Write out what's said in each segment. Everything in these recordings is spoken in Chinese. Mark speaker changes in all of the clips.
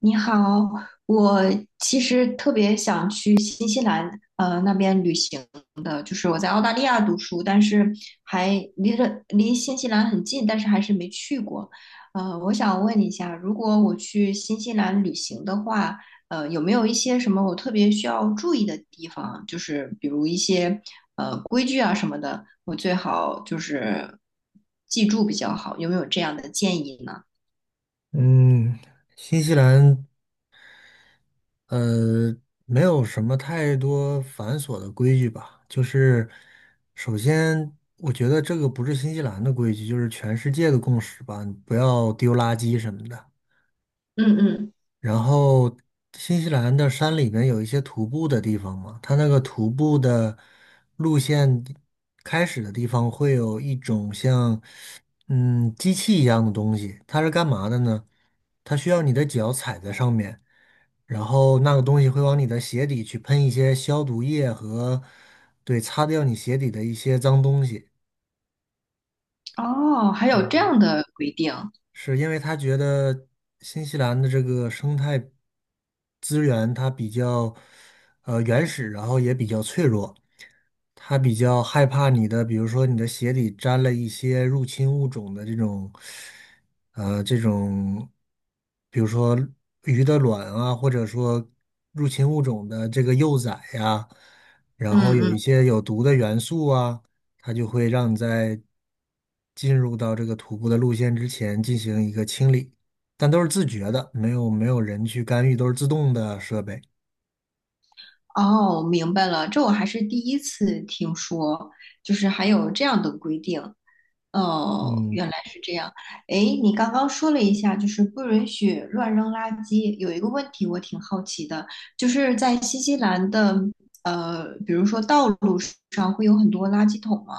Speaker 1: 你好，我其实特别想去新西兰，那边旅行的。就是我在澳大利亚读书，但是还离新西兰很近，但是还是没去过。我想问一下，如果我去新西兰旅行的话，有没有一些什么我特别需要注意的地方？就是比如一些规矩啊什么的，我最好就是记住比较好。有没有这样的建议呢？
Speaker 2: 嗯，新西兰，呃，没有什么太多繁琐的规矩吧。就是，首先，我觉得这个不是新西兰的规矩，就是全世界的共识吧。你不要丢垃圾什么的。
Speaker 1: 嗯
Speaker 2: 然后，新西兰的山里面有一些徒步的地方嘛，它那个徒步的路线开始的地方会有一种像机器一样的东西，它是干嘛的呢？它需要你的脚踩在上面，然后那个东西会往你的鞋底去喷一些消毒液和，对，擦掉你鞋底的一些脏东西。
Speaker 1: 哦，还有这
Speaker 2: 对，
Speaker 1: 样的规定，
Speaker 2: 是因为他觉得新西兰的这个生态资源它比较原始，然后也比较脆弱，他比较害怕你的，比如说你的鞋底沾了一些入侵物种的这种，比如说鱼的卵啊，或者说入侵物种的这个幼崽呀、然
Speaker 1: 嗯
Speaker 2: 后有
Speaker 1: 嗯，
Speaker 2: 一些有毒的元素啊。它就会让你在进入到这个徒步的路线之前进行一个清理，但都是自觉的，没有人去干预，都是自动的设备。
Speaker 1: 哦，明白了，这我还是第一次听说，就是还有这样的规定。哦，
Speaker 2: 嗯
Speaker 1: 原来是这样。哎，你刚刚说了一下，就是不允许乱扔垃圾。有一个问题我挺好奇的，就是在新西兰的比如说道路上会有很多垃圾桶吗？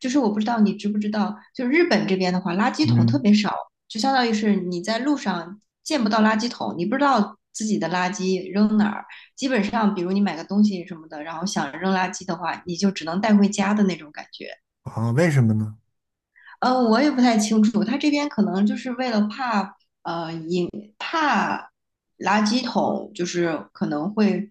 Speaker 1: 就是我不知道你知不知道，就是日本这边的话，垃圾桶特
Speaker 2: 嗯。
Speaker 1: 别少，就相当于是你在路上见不到垃圾桶，你不知道自己的垃圾扔哪儿。基本上，比如你买个东西什么的，然后想扔垃圾的话，你就只能带回家的那种感觉。
Speaker 2: 啊，为什么呢？
Speaker 1: 嗯，我也不太清楚，他这边可能就是为了怕垃圾桶，就是可能会，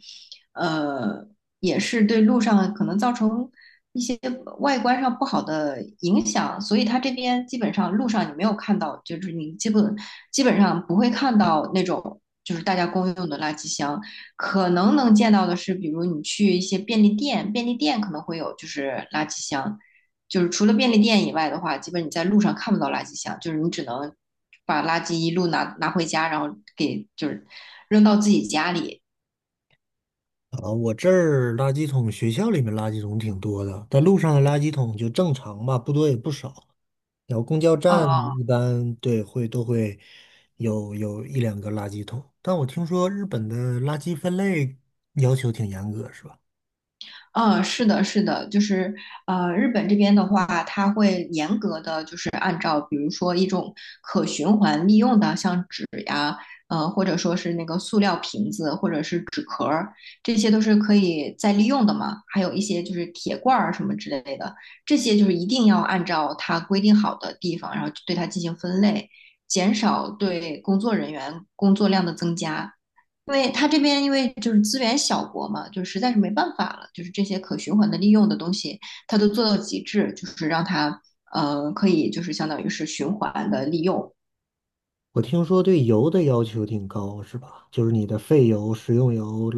Speaker 1: 呃，也是对路上可能造成一些外观上不好的影响，所以他这边基本上路上你没有看到，就是你基本上不会看到那种就是大家公用的垃圾箱，可能能见到的是，比如你去一些便利店，便利店可能会有就是垃圾箱，就是除了便利店以外的话，基本你在路上看不到垃圾箱，就是你只能把垃圾一路拿回家，然后给就是扔到自己家里。
Speaker 2: 啊，我这儿垃圾桶，学校里面垃圾桶挺多的，但路上的垃圾桶就正常吧，不多也不少。然后公交站
Speaker 1: 哦，
Speaker 2: 一般都会有一两个垃圾桶，但我听说日本的垃圾分类要求挺严格，是吧？
Speaker 1: 嗯，是的，是的，就是日本这边的话，它会严格的就是按照，比如说一种可循环利用的，像纸呀，或者说是那个塑料瓶子，或者是纸壳儿，这些都是可以再利用的嘛。还有一些就是铁罐儿什么之类的，这些就是一定要按照它规定好的地方，然后对它进行分类，减少对工作人员工作量的增加。因为它这边因为就是资源小国嘛，就实在是没办法了，就是这些可循环的利用的东西，它都做到极致，就是让它可以就是相当于是循环的利用。
Speaker 2: 我听说对油的要求挺高，是吧？就是你的废油、食用油，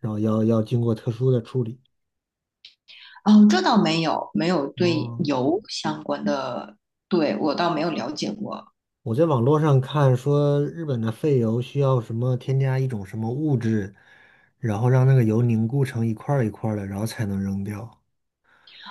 Speaker 2: 然后要经过特殊的处理。
Speaker 1: 哦，这倒没有，没有对
Speaker 2: 哦，
Speaker 1: 油相关的，对，我倒没有了解过。
Speaker 2: 我在网络上看说，日本的废油需要什么添加一种什么物质，然后让那个油凝固成一块儿一块儿的，然后才能扔掉。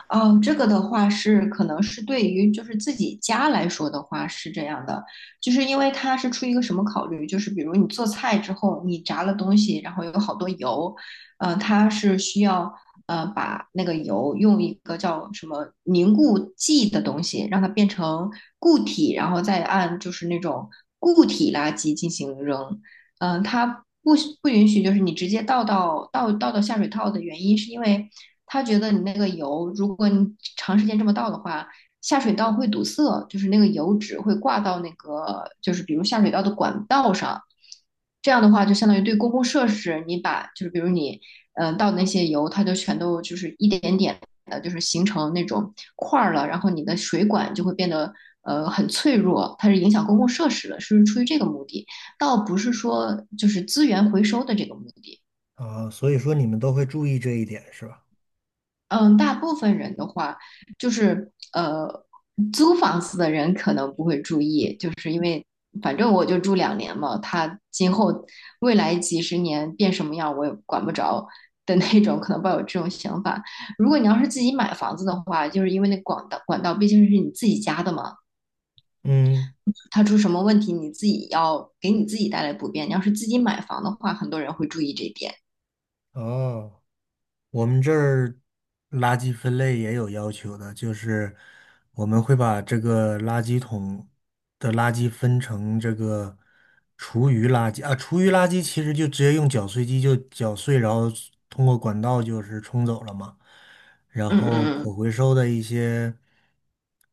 Speaker 1: 哦，这个的话是可能是对于就是自己家来说的话是这样的，就是因为它是出于一个什么考虑，就是比如你做菜之后，你炸了东西，然后有好多油，它是需要把那个油用一个叫什么凝固剂的东西，让它变成固体，然后再按就是那种固体垃圾进行扔，它不不允许就是你直接倒到下水道的原因是因为，他觉得你那个油，如果你长时间这么倒的话，下水道会堵塞，就是那个油脂会挂到那个，就是比如下水道的管道上。这样的话，就相当于对公共设施，你把就是比如你倒的那些油，它就全都就是一点点的，就是形成那种块儿了，然后你的水管就会变得很脆弱，它是影响公共设施的，是出于这个目的，倒不是说就是资源回收的这个目的。
Speaker 2: 啊，所以说你们都会注意这一点，是吧？
Speaker 1: 嗯，大部分人的话，就是租房子的人可能不会注意，就是因为反正我就住2年嘛，他今后未来几十年变什么样我也管不着的那种，可能抱有这种想法。如果你要是自己买房子的话，就是因为那管道毕竟是你自己家的嘛，
Speaker 2: 嗯。
Speaker 1: 它出什么问题你自己要给你自己带来不便。你要是自己买房的话，很多人会注意这一点。
Speaker 2: 哦。我们这儿垃圾分类也有要求的，就是我们会把这个垃圾桶的垃圾分成这个厨余垃圾啊，厨余垃圾其实就直接用搅碎机就搅碎，然后通过管道就是冲走了嘛。然
Speaker 1: 嗯
Speaker 2: 后可
Speaker 1: 嗯
Speaker 2: 回收的一些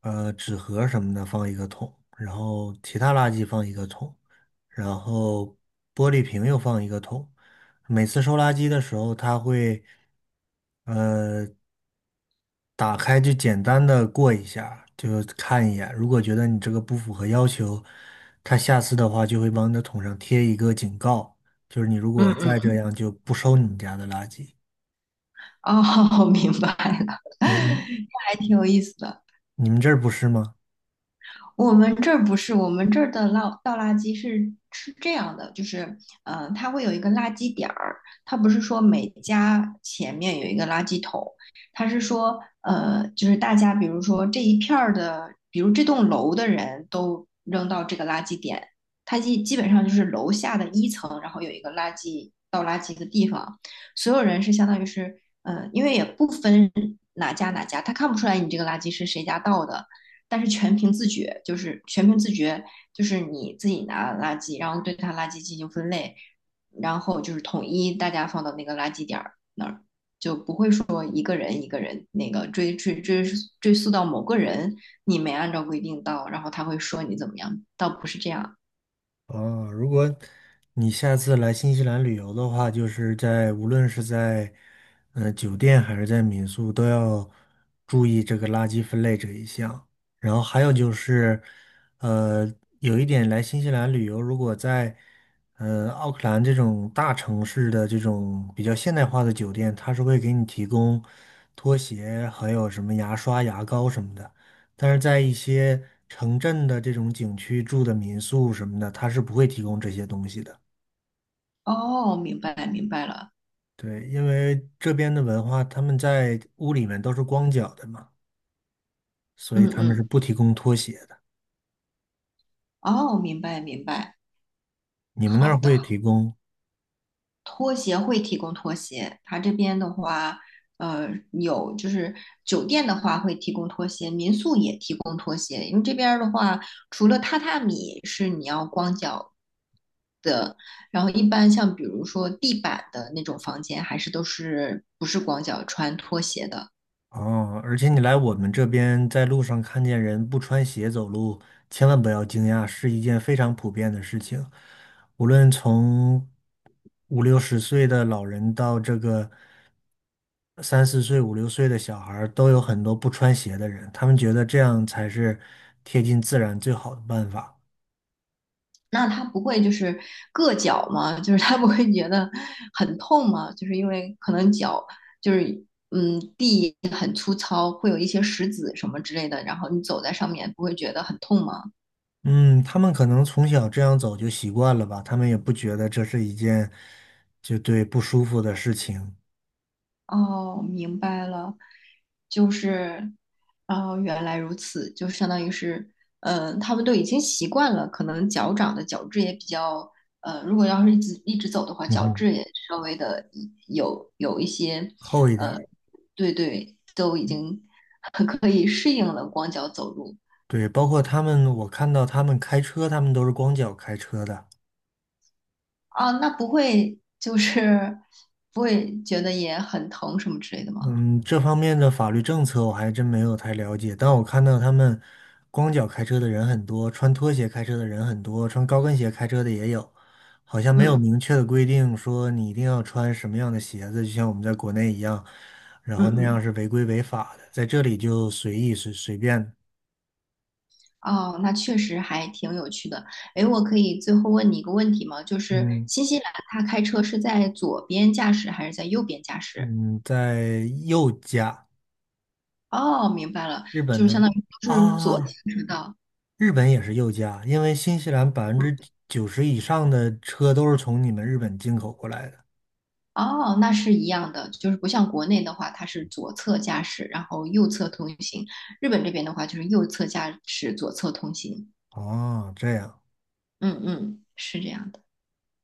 Speaker 2: 纸盒什么的放一个桶，然后其他垃圾放一个桶，然后玻璃瓶又放一个桶。每次收垃圾的时候，他会呃打开就简单的过一下，就看一眼。如果觉得你这个不符合要求，他下次的话就会往你的桶上贴一个警告，就是你如
Speaker 1: 嗯
Speaker 2: 果
Speaker 1: 嗯
Speaker 2: 再这
Speaker 1: 嗯
Speaker 2: 样就不收你们家的垃圾。
Speaker 1: 哦，明白了，
Speaker 2: 对，你
Speaker 1: 那还挺有意思的。
Speaker 2: 你们这儿不是吗？
Speaker 1: 我们这儿不是，我们这儿的倒垃圾是这样的，就是，它会有一个垃圾点儿，它不是说每家前面有一个垃圾桶，它是说，就是大家比如说这一片儿的，比如这栋楼的人都扔到这个垃圾点，它基本上就是楼下的一层，然后有一个垃圾倒垃圾的地方，所有人是相当于是，因为也不分哪家哪家，他看不出来你这个垃圾是谁家倒的。但是全凭自觉，就是全凭自觉，就是你自己拿垃圾，然后对它垃圾进行分类，然后就是统一大家放到那个垃圾点儿那儿，就不会说一个人一个人那个追溯到某个人，你没按照规定到，然后他会说你怎么样，倒不是这样。
Speaker 2: 哦，如果你下次来新西兰旅游的话，就是在无论是在酒店还是在民宿，都要注意这个垃圾分类这一项。然后还有就是，呃，有一点来新西兰旅游，如果在奥克兰这种大城市的这种比较现代化的酒店，它是会给你提供拖鞋，还有什么牙刷、牙膏什么的。但是在一些城镇的这种景区住的民宿什么的，他是不会提供这些东西的。
Speaker 1: 哦，明白明白了，
Speaker 2: 对，因为这边的文化，他们在屋里面都是光脚的嘛，所以
Speaker 1: 嗯
Speaker 2: 他们是
Speaker 1: 嗯，
Speaker 2: 不提供拖鞋的。
Speaker 1: 哦，明白明白，
Speaker 2: 你们那
Speaker 1: 好
Speaker 2: 儿
Speaker 1: 的。
Speaker 2: 会提供
Speaker 1: 拖鞋会提供拖鞋，它这边的话，有就是酒店的话会提供拖鞋，民宿也提供拖鞋。因为这边儿的话，除了榻榻米是你要光脚，然后一般像比如说地板的那种房间，还是都是不是光脚穿拖鞋的。
Speaker 2: 哦？而且你来我们这边，在路上看见人不穿鞋走路，千万不要惊讶，是一件非常普遍的事情。无论从五六十岁的老人到三四岁、五六岁的小孩儿都有很多不穿鞋的人，他们觉得这样才是贴近自然最好的办法。
Speaker 1: 那他不会就是硌脚吗？就是他不会觉得很痛吗？就是因为可能脚就是地很粗糙，会有一些石子什么之类的，然后你走在上面不会觉得很痛吗？
Speaker 2: 嗯，他们可能从小这样走就习惯了吧，他们也不觉得这是一件就对不舒服的事情。
Speaker 1: 哦，明白了，就是，哦，原来如此，就相当于是，他们都已经习惯了，可能脚掌的角质也比较，如果要是一直一直走的话，
Speaker 2: 嗯
Speaker 1: 角
Speaker 2: 哼，
Speaker 1: 质也稍微的有一些，
Speaker 2: 厚一点
Speaker 1: 呃，
Speaker 2: 儿。
Speaker 1: 对对，都已经 可以适应了光脚走路
Speaker 2: 对，包括他们，我看到他们开车，他们都是光脚开车的。
Speaker 1: 啊，那不会就是不会觉得也很疼什么之类的吗？
Speaker 2: 嗯，这方面的法律政策我还真没有太了解，但我看到他们光脚开车的人很多，穿拖鞋开车的人很多，穿高跟鞋开车的也有，好像没有
Speaker 1: 嗯
Speaker 2: 明确的规定说你一定要穿什么样的鞋子，就像我们在国内一样，然
Speaker 1: 嗯
Speaker 2: 后那
Speaker 1: 嗯。
Speaker 2: 样是违规违法的，在这里就随意随随便。
Speaker 1: 哦，那确实还挺有趣的。诶，我可以最后问你一个问题吗？就是
Speaker 2: 嗯
Speaker 1: 新西兰它开车是在左边驾驶还是在右边驾驶？
Speaker 2: 嗯，在右驾，
Speaker 1: 哦，明白了，
Speaker 2: 日本
Speaker 1: 就是相
Speaker 2: 呢？
Speaker 1: 当于都是左
Speaker 2: 啊，
Speaker 1: 行驶道。
Speaker 2: 日本也是右驾，因为新西兰百分之九十以上的车都是从你们日本进口过来的。
Speaker 1: 哦，那是一样的，就是不像国内的话，它是左侧驾驶，然后右侧通行。日本这边的话，就是右侧驾驶，左侧通行。
Speaker 2: 哦，这样。
Speaker 1: 嗯嗯，是这样的。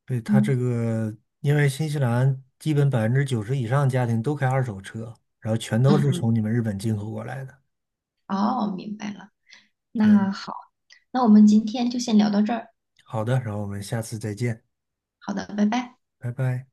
Speaker 2: 对，他这
Speaker 1: 嗯
Speaker 2: 个，因为新西兰基本百分之九十以上家庭都开二手车，然后全
Speaker 1: 嗯
Speaker 2: 都是
Speaker 1: 嗯，
Speaker 2: 从你们日本进口过来的。
Speaker 1: 哦，明白了。
Speaker 2: 对，
Speaker 1: 那好，那我们今天就先聊到这儿。
Speaker 2: 好的，然后我们下次再见，
Speaker 1: 好的，拜拜。
Speaker 2: 拜拜。